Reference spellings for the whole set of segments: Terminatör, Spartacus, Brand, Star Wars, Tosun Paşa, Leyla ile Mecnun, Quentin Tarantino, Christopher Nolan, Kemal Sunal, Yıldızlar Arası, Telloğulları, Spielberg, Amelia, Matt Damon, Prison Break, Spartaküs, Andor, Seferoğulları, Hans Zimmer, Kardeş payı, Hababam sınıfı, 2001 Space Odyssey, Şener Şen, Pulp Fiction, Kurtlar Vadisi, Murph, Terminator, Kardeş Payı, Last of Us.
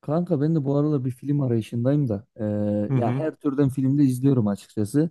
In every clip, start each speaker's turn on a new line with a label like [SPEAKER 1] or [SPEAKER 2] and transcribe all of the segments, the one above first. [SPEAKER 1] Kanka ben de bu aralar bir film arayışındayım da,
[SPEAKER 2] Hı
[SPEAKER 1] ya
[SPEAKER 2] hı.
[SPEAKER 1] her türden filmde izliyorum açıkçası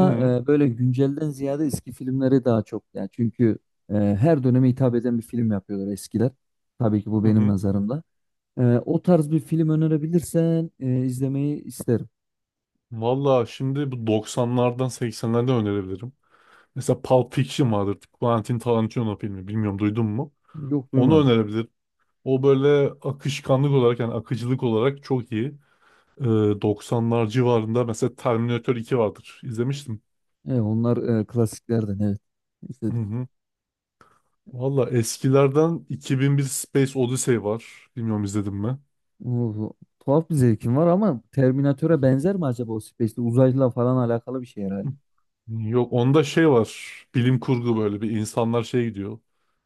[SPEAKER 2] Hı hı.
[SPEAKER 1] böyle güncelden ziyade eski filmleri daha çok, yani çünkü her döneme hitap eden bir film yapıyorlar eskiler, tabii ki bu
[SPEAKER 2] Hı
[SPEAKER 1] benim
[SPEAKER 2] hı.
[SPEAKER 1] nazarımda. O tarz bir film önerebilirsen izlemeyi isterim.
[SPEAKER 2] Valla şimdi bu doksanlardan 80'lerden önerebilirim. Mesela Pulp Fiction vardır. Quentin Tarantino filmi. Bilmiyorum duydun mu?
[SPEAKER 1] Yok,
[SPEAKER 2] Onu
[SPEAKER 1] duymadım.
[SPEAKER 2] önerebilirim. O böyle akışkanlık olarak yani akıcılık olarak çok iyi. Ee, 90'lar civarında mesela Terminator iki vardır. İzlemiştim.
[SPEAKER 1] Onlar klasiklerden, evet,
[SPEAKER 2] Hı
[SPEAKER 1] izledim.
[SPEAKER 2] hı. Valla eskilerden 2001 Space Odyssey var. Bilmiyorum izledim mi?
[SPEAKER 1] Oo, tuhaf bir zevkim var ama Terminatör'e benzer mi acaba? O Space'te uzayla falan alakalı bir şey herhalde.
[SPEAKER 2] Yok onda şey var. Bilim kurgu böyle bir insanlar şey gidiyor.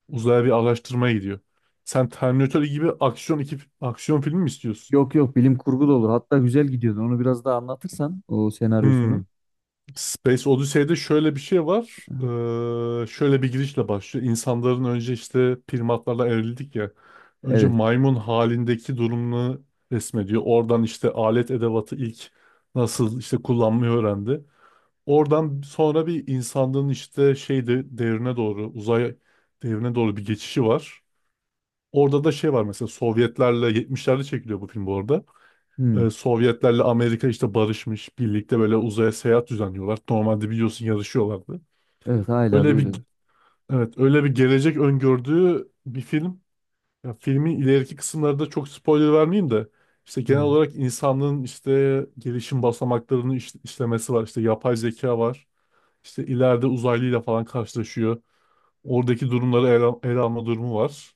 [SPEAKER 2] Uzaya bir araştırmaya gidiyor. Sen Terminator gibi aksiyon iki aksiyon filmi mi istiyorsun?
[SPEAKER 1] Yok yok, bilim kurgu da olur. Hatta güzel gidiyordu. Onu biraz daha anlatırsan o senaryosunu.
[SPEAKER 2] Hmm. Space Odyssey'de şöyle bir şey var. Şöyle bir girişle başlıyor. İnsanların önce işte primatlarla evrildik ya. Önce
[SPEAKER 1] Evet.
[SPEAKER 2] maymun halindeki durumunu resmediyor. Oradan işte alet edevatı ilk nasıl işte kullanmayı öğrendi. Oradan sonra bir insanlığın işte şey de, devrine doğru, uzay devrine doğru bir geçişi var. Orada da şey var mesela Sovyetlerle 70'lerde çekiliyor bu film bu arada.
[SPEAKER 1] Hmm.
[SPEAKER 2] Sovyetlerle Amerika işte barışmış, birlikte böyle uzaya seyahat düzenliyorlar. Normalde biliyorsun yarışıyorlardı.
[SPEAKER 1] Evet hala da
[SPEAKER 2] Öyle bir,
[SPEAKER 1] öyledir.
[SPEAKER 2] evet, öyle bir gelecek öngördüğü bir film. Ya filmin ileriki kısımlarında çok spoiler vermeyeyim de işte genel
[SPEAKER 1] Hmm.
[SPEAKER 2] olarak insanlığın işte gelişim basamaklarını işlemesi var. İşte yapay zeka var. İşte ileride uzaylıyla falan karşılaşıyor. Oradaki durumları ele alma durumu var.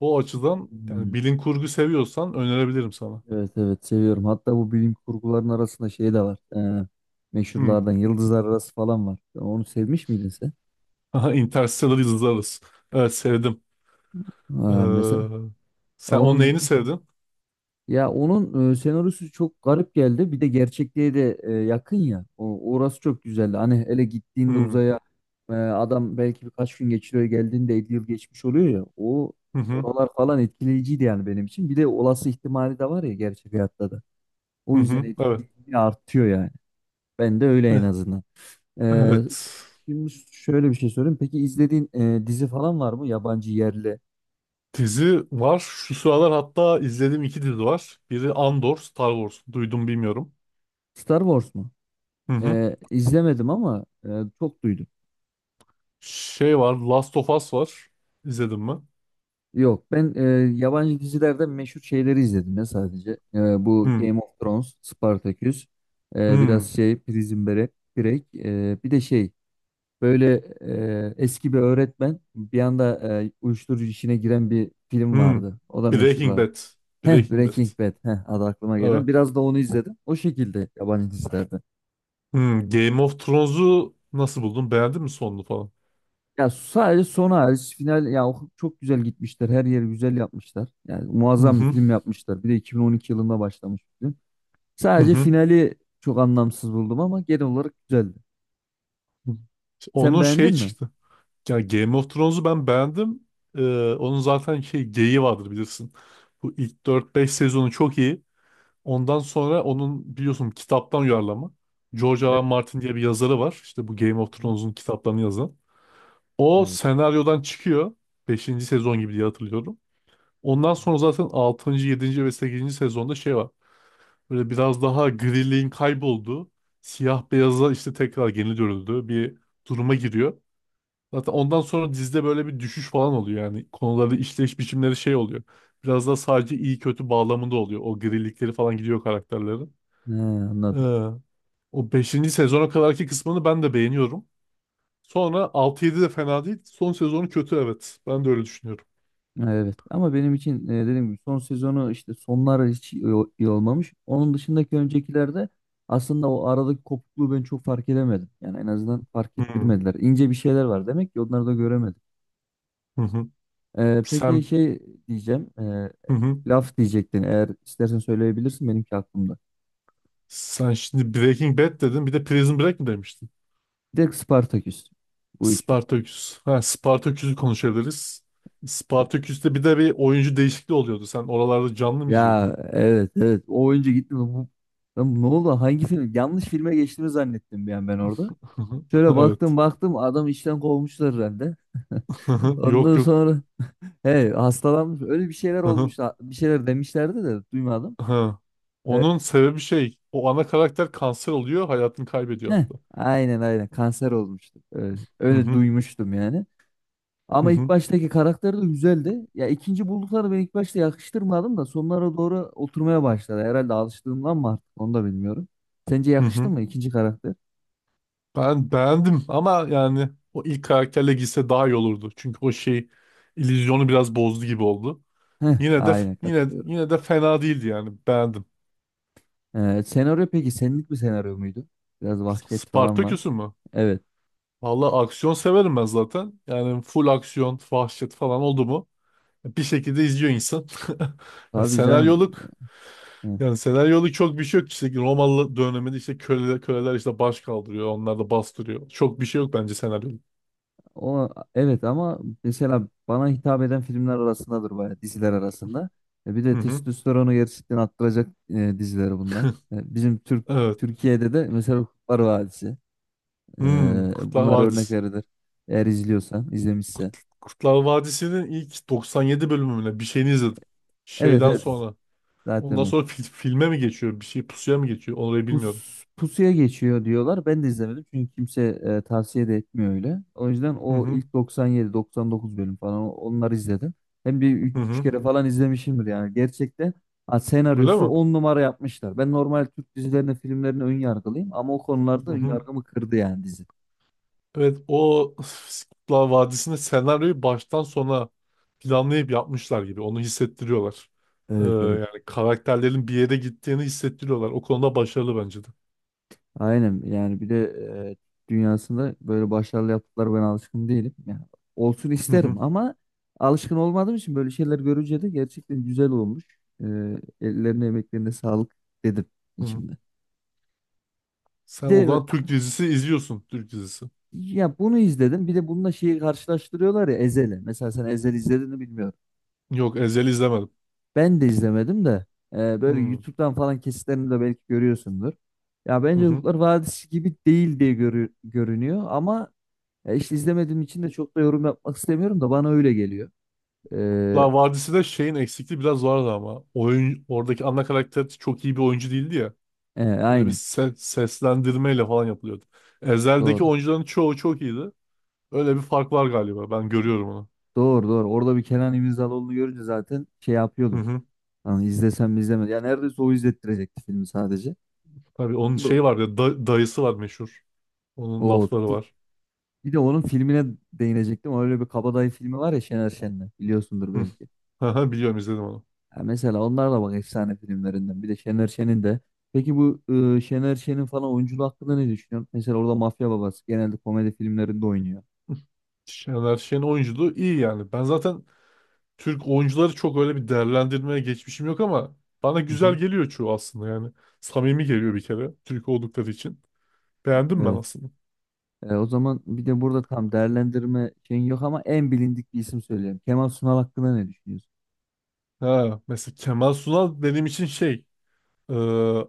[SPEAKER 2] O açıdan
[SPEAKER 1] Hmm.
[SPEAKER 2] yani bilim kurgu seviyorsan önerebilirim sana.
[SPEAKER 1] Evet evet, seviyorum. Hatta bu bilim kurguların arasında şey de var. Ee,
[SPEAKER 2] Hmm.
[SPEAKER 1] meşhurlardan Yıldızlar Arası falan var. Onu sevmiş miydin sen?
[SPEAKER 2] Aha, Interstellar izleriz. Evet sevdim.
[SPEAKER 1] Ha, mesela
[SPEAKER 2] Ee, Sen onun neyini
[SPEAKER 1] onun.
[SPEAKER 2] sevdin?
[SPEAKER 1] Ya onun senaryosu çok garip geldi. Bir de gerçekliğe de yakın ya. O, orası çok güzeldi. Hani hele gittiğinde
[SPEAKER 2] Hmm.
[SPEAKER 1] uzaya, adam belki birkaç gün geçiriyor, geldiğinde 50 yıl geçmiş oluyor ya. O
[SPEAKER 2] Hı hı.
[SPEAKER 1] oralar falan etkileyiciydi yani benim için. Bir de olası ihtimali de var ya gerçek hayatta da.
[SPEAKER 2] Hı
[SPEAKER 1] O yüzden
[SPEAKER 2] hı. Evet.
[SPEAKER 1] etkileyiciliği artıyor yani. Ben de öyle en
[SPEAKER 2] Eh,
[SPEAKER 1] azından. E,
[SPEAKER 2] Evet.
[SPEAKER 1] şimdi şöyle bir şey sorayım. Peki izlediğin dizi falan var mı? Yabancı, yerli.
[SPEAKER 2] Dizi var. Şu sıralar hatta izlediğim iki dizi var. Biri Andor, Star Wars. Duydum bilmiyorum.
[SPEAKER 1] Star Wars mu?
[SPEAKER 2] Hı hı.
[SPEAKER 1] E, izlemedim ama çok duydum.
[SPEAKER 2] Şey var, Last of Us var. İzledin mi?
[SPEAKER 1] Yok, ben yabancı dizilerden meşhur şeyleri izledim ya sadece. Bu
[SPEAKER 2] Hı.
[SPEAKER 1] Game of Thrones, Spartacus, biraz
[SPEAKER 2] Hı.
[SPEAKER 1] şey Prison Break, bir de şey, böyle eski bir öğretmen bir anda uyuşturucu işine giren bir film
[SPEAKER 2] Hmm.
[SPEAKER 1] vardı. O da
[SPEAKER 2] Breaking
[SPEAKER 1] meşhurlar.
[SPEAKER 2] Bad.
[SPEAKER 1] Heh,
[SPEAKER 2] Breaking Bad.
[SPEAKER 1] Breaking Bad. Heh, adı aklıma gelmedi.
[SPEAKER 2] Evet.
[SPEAKER 1] Biraz da onu izledim. O şekilde yabancı dizilerde.
[SPEAKER 2] Hmm. Game of Thrones'u nasıl buldun? Beğendin mi sonunu falan?
[SPEAKER 1] Ya sadece son hariç, final ya, o çok güzel gitmişler. Her yeri güzel yapmışlar. Yani
[SPEAKER 2] Hı
[SPEAKER 1] muazzam bir
[SPEAKER 2] hı.
[SPEAKER 1] film yapmışlar. Bir de 2012 yılında başlamış.
[SPEAKER 2] Hı
[SPEAKER 1] Sadece
[SPEAKER 2] hı.
[SPEAKER 1] finali çok anlamsız buldum ama genel olarak güzeldi. Sen
[SPEAKER 2] Onun
[SPEAKER 1] beğendin
[SPEAKER 2] şey
[SPEAKER 1] mi?
[SPEAKER 2] çıktı. Yani Game of Thrones'u ben beğendim. Onun zaten şey geyiği vardır bilirsin. Bu ilk dört beş sezonu çok iyi. Ondan sonra onun biliyorsun kitaptan uyarlama. George R. R.
[SPEAKER 1] Evet.
[SPEAKER 2] Martin diye bir yazarı var. İşte bu Game of Thrones'un kitaplarını yazan. O
[SPEAKER 1] Evet.
[SPEAKER 2] senaryodan çıkıyor. Beşinci sezon gibi diye hatırlıyorum. Ondan sonra zaten altıncı, yedinci ve sekizinci sezonda şey var. Böyle biraz daha griliğin kaybolduğu, siyah beyaza işte tekrar geri dönüldüğü bir duruma giriyor. Zaten ondan sonra dizide böyle bir düşüş falan oluyor yani. Konuları, işleyiş biçimleri şey oluyor. Biraz daha sadece iyi kötü bağlamında oluyor. O grilikleri falan gidiyor karakterlerin.
[SPEAKER 1] He, anladım.
[SPEAKER 2] Ee, O beşinci sezona kadarki kısmını ben de beğeniyorum. Sonra altı yedi de fena değil. Son sezonu kötü evet. Ben de öyle düşünüyorum.
[SPEAKER 1] Evet ama benim için dediğim gibi son sezonu, işte sonlar hiç iyi olmamış. Onun dışındaki öncekilerde aslında o aradaki kopukluğu ben çok fark edemedim. Yani en azından fark
[SPEAKER 2] Hı hı.
[SPEAKER 1] ettirmediler. İnce bir şeyler var demek ki, onları da göremedim.
[SPEAKER 2] Hı.
[SPEAKER 1] Peki
[SPEAKER 2] Sen...
[SPEAKER 1] şey diyeceğim. e,
[SPEAKER 2] Hı hı.
[SPEAKER 1] laf diyecektin, eğer istersen söyleyebilirsin, benimki aklımda.
[SPEAKER 2] Sen şimdi Breaking Bad dedin. Bir de Prison Break mi demiştin?
[SPEAKER 1] Bir de Spartaküs, bu üçü.
[SPEAKER 2] Spartaküs. Ha, Spartaküs'ü konuşabiliriz. Spartaküs'te bir de bir oyuncu değişikliği oluyordu. Sen oralarda canlı mı
[SPEAKER 1] Ya
[SPEAKER 2] izliyordun?
[SPEAKER 1] evet evet, o oyuncu gitti mi? Lan ne oldu? Hangi film? Yanlış filme geçtiğimi zannettim bir an ben orada. Şöyle
[SPEAKER 2] Evet.
[SPEAKER 1] baktım baktım, adam işten kovmuşlar herhalde.
[SPEAKER 2] Yok
[SPEAKER 1] Ondan
[SPEAKER 2] yok.
[SPEAKER 1] sonra he, hastalanmış, öyle bir şeyler olmuş, bir şeyler demişlerdi de duymadım.
[SPEAKER 2] Ha.
[SPEAKER 1] Evet.
[SPEAKER 2] Onun sebebi şey, o ana karakter kanser oluyor, hayatını kaybediyor
[SPEAKER 1] Heh,
[SPEAKER 2] hatta.
[SPEAKER 1] aynen aynen, kanser olmuştu. Evet,
[SPEAKER 2] Hı
[SPEAKER 1] öyle
[SPEAKER 2] hı,
[SPEAKER 1] duymuştum yani.
[SPEAKER 2] hı
[SPEAKER 1] Ama ilk
[SPEAKER 2] hı.
[SPEAKER 1] baştaki karakter de güzeldi. Ya ikinci buldukları ben ilk başta yakıştırmadım da sonlara doğru oturmaya başladı. Herhalde alıştığımdan mı, artık onu da bilmiyorum. Sence
[SPEAKER 2] Hı
[SPEAKER 1] yakıştı
[SPEAKER 2] hı.
[SPEAKER 1] mı ikinci karakter?
[SPEAKER 2] Ben beğendim ama yani o ilk karakterle gitse daha iyi olurdu. Çünkü o şey illüzyonu biraz bozdu gibi oldu.
[SPEAKER 1] Heh,
[SPEAKER 2] Yine de
[SPEAKER 1] aynen
[SPEAKER 2] yine
[SPEAKER 1] katılıyorum.
[SPEAKER 2] yine de fena değildi yani. Beğendim.
[SPEAKER 1] Senaryo peki senlik bir senaryo muydu? Biraz vahşet falan var.
[SPEAKER 2] Spartaküs'ü mü?
[SPEAKER 1] Evet.
[SPEAKER 2] Vallahi aksiyon severim ben zaten. Yani full aksiyon, vahşet falan oldu mu? Bir şekilde izliyor insan. Ya
[SPEAKER 1] Tabii canım.
[SPEAKER 2] senaryoluk,
[SPEAKER 1] Heh,
[SPEAKER 2] yani senaryoluk çok bir şey yok. İşte Romalı döneminde işte köleler, köleler işte baş kaldırıyor. Onlar da bastırıyor. Çok bir şey yok bence senaryoluk.
[SPEAKER 1] o, evet ama mesela bana hitap eden filmler arasındadır bayağı, diziler arasında. Bir
[SPEAKER 2] Hı
[SPEAKER 1] de
[SPEAKER 2] hı.
[SPEAKER 1] testosteronu gerçekten arttıracak diziler bunlar. Bizim
[SPEAKER 2] Evet.
[SPEAKER 1] Türkiye'de de mesela Kurtlar Vadisi. E,
[SPEAKER 2] Hmm, Kurtlar
[SPEAKER 1] bunlar örnek
[SPEAKER 2] Vadisi.
[SPEAKER 1] verilir. Eğer izliyorsan, izlemişsen.
[SPEAKER 2] Kurtlar Vadisi'nin ilk 97 bölümüne bir şeyini izledim.
[SPEAKER 1] Evet
[SPEAKER 2] Şeyden
[SPEAKER 1] evet.
[SPEAKER 2] sonra.
[SPEAKER 1] Zaten
[SPEAKER 2] Ondan
[SPEAKER 1] o.
[SPEAKER 2] sonra filme mi geçiyor? Bir şey pusuya mı geçiyor? Orayı bilmiyorum.
[SPEAKER 1] Pusuya geçiyor diyorlar. Ben de izlemedim çünkü kimse tavsiye de etmiyor öyle. O yüzden
[SPEAKER 2] Hı
[SPEAKER 1] o
[SPEAKER 2] hı.
[SPEAKER 1] ilk 97-99 bölüm falan onları izledim. Hem bir
[SPEAKER 2] Hı
[SPEAKER 1] üç
[SPEAKER 2] hı.
[SPEAKER 1] kere falan izlemişimdir yani. Gerçekten ha,
[SPEAKER 2] Öyle
[SPEAKER 1] senaryosu
[SPEAKER 2] mi?
[SPEAKER 1] on numara yapmışlar. Ben normal Türk dizilerine, filmlerine ön yargılıyım ama o konularda
[SPEAKER 2] Hı
[SPEAKER 1] ön
[SPEAKER 2] hı.
[SPEAKER 1] yargımı kırdı yani dizi.
[SPEAKER 2] Evet o. Kurtlar Vadisi'nde senaryoyu baştan sona planlayıp yapmışlar gibi. Onu hissettiriyorlar.
[SPEAKER 1] Evet evet.
[SPEAKER 2] Yani karakterlerin bir yere gittiğini hissettiriyorlar. O konuda başarılı bence de.
[SPEAKER 1] Aynen yani, bir de dünyasında böyle başarılı yaptıkları ben alışkın değilim. Yani olsun
[SPEAKER 2] Hı
[SPEAKER 1] isterim
[SPEAKER 2] hı.
[SPEAKER 1] ama alışkın olmadığım için böyle şeyler görünce de gerçekten güzel olmuş. E, ellerine emeklerine sağlık dedim
[SPEAKER 2] Hı hı.
[SPEAKER 1] içimde.
[SPEAKER 2] Sen o
[SPEAKER 1] Bir de
[SPEAKER 2] zaman Türk dizisi izliyorsun. Türk dizisi.
[SPEAKER 1] ya, bunu izledim, bir de bununla şeyi karşılaştırıyorlar ya, ezeli. Mesela sen Ezel izlediğini bilmiyorum.
[SPEAKER 2] Yok Ezel'i izlemedim.
[SPEAKER 1] Ben de izlemedim de
[SPEAKER 2] Hı
[SPEAKER 1] böyle
[SPEAKER 2] hı.
[SPEAKER 1] YouTube'dan falan kesitlerini de belki görüyorsundur. Ya bence
[SPEAKER 2] Hı.
[SPEAKER 1] Kurtlar Vadisi gibi değil diye görünüyor ama. Ya işte izlemediğim için de çok da yorum yapmak istemiyorum da bana öyle geliyor. Ee,
[SPEAKER 2] Kurtlar Vadisi'de şeyin eksikliği biraz vardı ama. Oyun, oradaki ana karakter çok iyi bir oyuncu değildi ya.
[SPEAKER 1] e,
[SPEAKER 2] Böyle bir
[SPEAKER 1] aynen.
[SPEAKER 2] seslendirmeyle falan yapılıyordu. Ezel'deki
[SPEAKER 1] Doğru.
[SPEAKER 2] oyuncuların çoğu çok iyiydi. Öyle bir fark var galiba. Ben görüyorum onu.
[SPEAKER 1] Doğru doğru. Orada bir Kenan İmirzalıoğlu'nu görünce zaten şey
[SPEAKER 2] Hı
[SPEAKER 1] yapıyordum.
[SPEAKER 2] hı.
[SPEAKER 1] Hani izlesem mi izlemedim. Ya neredeyse o izlettirecekti filmi sadece.
[SPEAKER 2] Tabii onun
[SPEAKER 1] Do-
[SPEAKER 2] şeyi var ya dayısı var meşhur. Onun
[SPEAKER 1] O,
[SPEAKER 2] lafları
[SPEAKER 1] t-
[SPEAKER 2] var.
[SPEAKER 1] bir de onun filmine değinecektim. Öyle bir Kabadayı filmi var ya Şener Şen'le. Biliyorsundur
[SPEAKER 2] Hı.
[SPEAKER 1] belki.
[SPEAKER 2] Aha, biliyorum izledim onu.
[SPEAKER 1] Ya mesela onlar da bak, efsane filmlerinden. Bir de Şener Şen'in de. Peki bu Şener Şen'in falan oyunculuğu hakkında ne düşünüyorsun? Mesela orada mafya babası genelde komedi filmlerinde oynuyor.
[SPEAKER 2] Şener Şen oyunculuğu iyi yani. Ben zaten Türk oyuncuları çok öyle bir değerlendirmeye geçmişim yok ama bana
[SPEAKER 1] Hı
[SPEAKER 2] güzel
[SPEAKER 1] hı.
[SPEAKER 2] geliyor çoğu aslında yani. Samimi geliyor bir kere Türk oldukları için. Beğendim ben
[SPEAKER 1] Evet.
[SPEAKER 2] aslında.
[SPEAKER 1] O zaman bir de burada tam değerlendirme şeyin yok ama en bilindik bir isim söyleyeyim. Kemal Sunal hakkında ne düşünüyorsun?
[SPEAKER 2] Ha, mesela Kemal Sunal benim için Ee,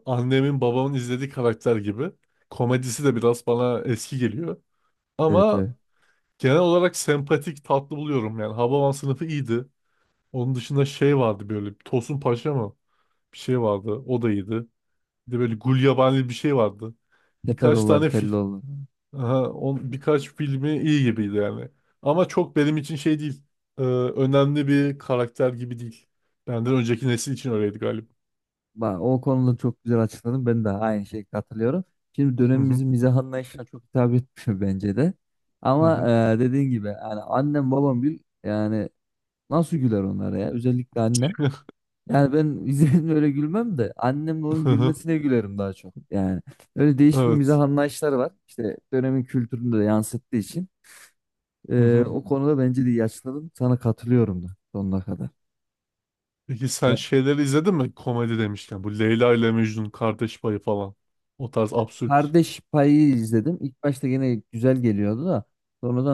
[SPEAKER 2] annemin babamın izlediği karakter gibi. Komedisi de biraz bana eski geliyor.
[SPEAKER 1] Evet
[SPEAKER 2] Ama
[SPEAKER 1] evet.
[SPEAKER 2] genel olarak sempatik, tatlı buluyorum. Yani Hababam sınıfı iyiydi. Onun dışında şey vardı böyle Tosun Paşa mı? Bir şey vardı. O da iyiydi. Bir de böyle Gulyabani bir şey vardı. Birkaç
[SPEAKER 1] Seferoğulları,
[SPEAKER 2] tane film.
[SPEAKER 1] Telloğulları.
[SPEAKER 2] Aha, birkaç filmi iyi gibiydi yani. Ama çok benim için şey değil. Önemli bir karakter gibi değil. Benden önceki nesil için öyleydi galiba.
[SPEAKER 1] Bak, o konuda çok güzel açıkladın. Ben de aynı şeyi katılıyorum. Şimdi
[SPEAKER 2] Hı hı,
[SPEAKER 1] dönemimizin mizah anlayışına çok hitap etmiş bence de.
[SPEAKER 2] hı
[SPEAKER 1] Ama
[SPEAKER 2] hı.
[SPEAKER 1] dediğin gibi yani annem babam gül yani, nasıl güler onlara ya? Özellikle annem. Yani ben izlediğimde öyle gülmem de annemle onun
[SPEAKER 2] Hı hı,
[SPEAKER 1] gülmesine gülerim daha çok. Yani öyle değişik bir mizah
[SPEAKER 2] evet.
[SPEAKER 1] anlayışları var. İşte dönemin kültürünü de yansıttığı için.
[SPEAKER 2] Hı
[SPEAKER 1] Ee,
[SPEAKER 2] hı.
[SPEAKER 1] o konuda bence de iyi açıkladın. Sana katılıyorum da sonuna kadar.
[SPEAKER 2] Peki sen
[SPEAKER 1] Evet.
[SPEAKER 2] şeyleri izledin mi? Komedi demişken. Bu Leyla ile Mecnun kardeş payı falan. O tarz absürt.
[SPEAKER 1] Kardeş Payı izledim. İlk başta gene güzel geliyordu da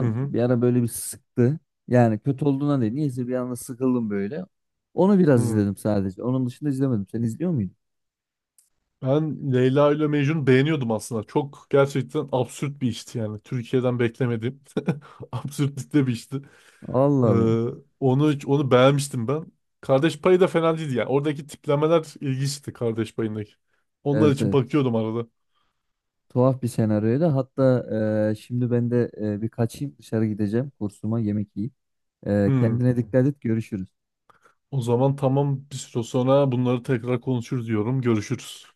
[SPEAKER 2] Hı hı.
[SPEAKER 1] bir ara böyle bir sıktı. Yani kötü olduğuna değil. Niyeyse bir anda sıkıldım böyle. Onu biraz
[SPEAKER 2] Hı.
[SPEAKER 1] izledim sadece. Onun dışında izlemedim. Sen izliyor muydun?
[SPEAKER 2] Ben Leyla ile Mecnun beğeniyordum aslında. Çok gerçekten absürt bir işti yani. Türkiye'den beklemediğim absürtlükte bir işti. Ee,
[SPEAKER 1] Allah Allah.
[SPEAKER 2] onu beğenmiştim ben. Kardeş payı da fena değildi yani. Oradaki tiplemeler ilginçti kardeş payındaki. Onlar
[SPEAKER 1] Evet
[SPEAKER 2] için
[SPEAKER 1] evet.
[SPEAKER 2] bakıyordum arada.
[SPEAKER 1] Tuhaf bir senaryoydu. Hatta şimdi ben de bir kaçayım dışarı gideceğim. Kursuma yemek yiyeyim. E,
[SPEAKER 2] Hı.
[SPEAKER 1] kendine dikkat et. Görüşürüz.
[SPEAKER 2] O zaman tamam bir süre sonra bunları tekrar konuşuruz diyorum. Görüşürüz.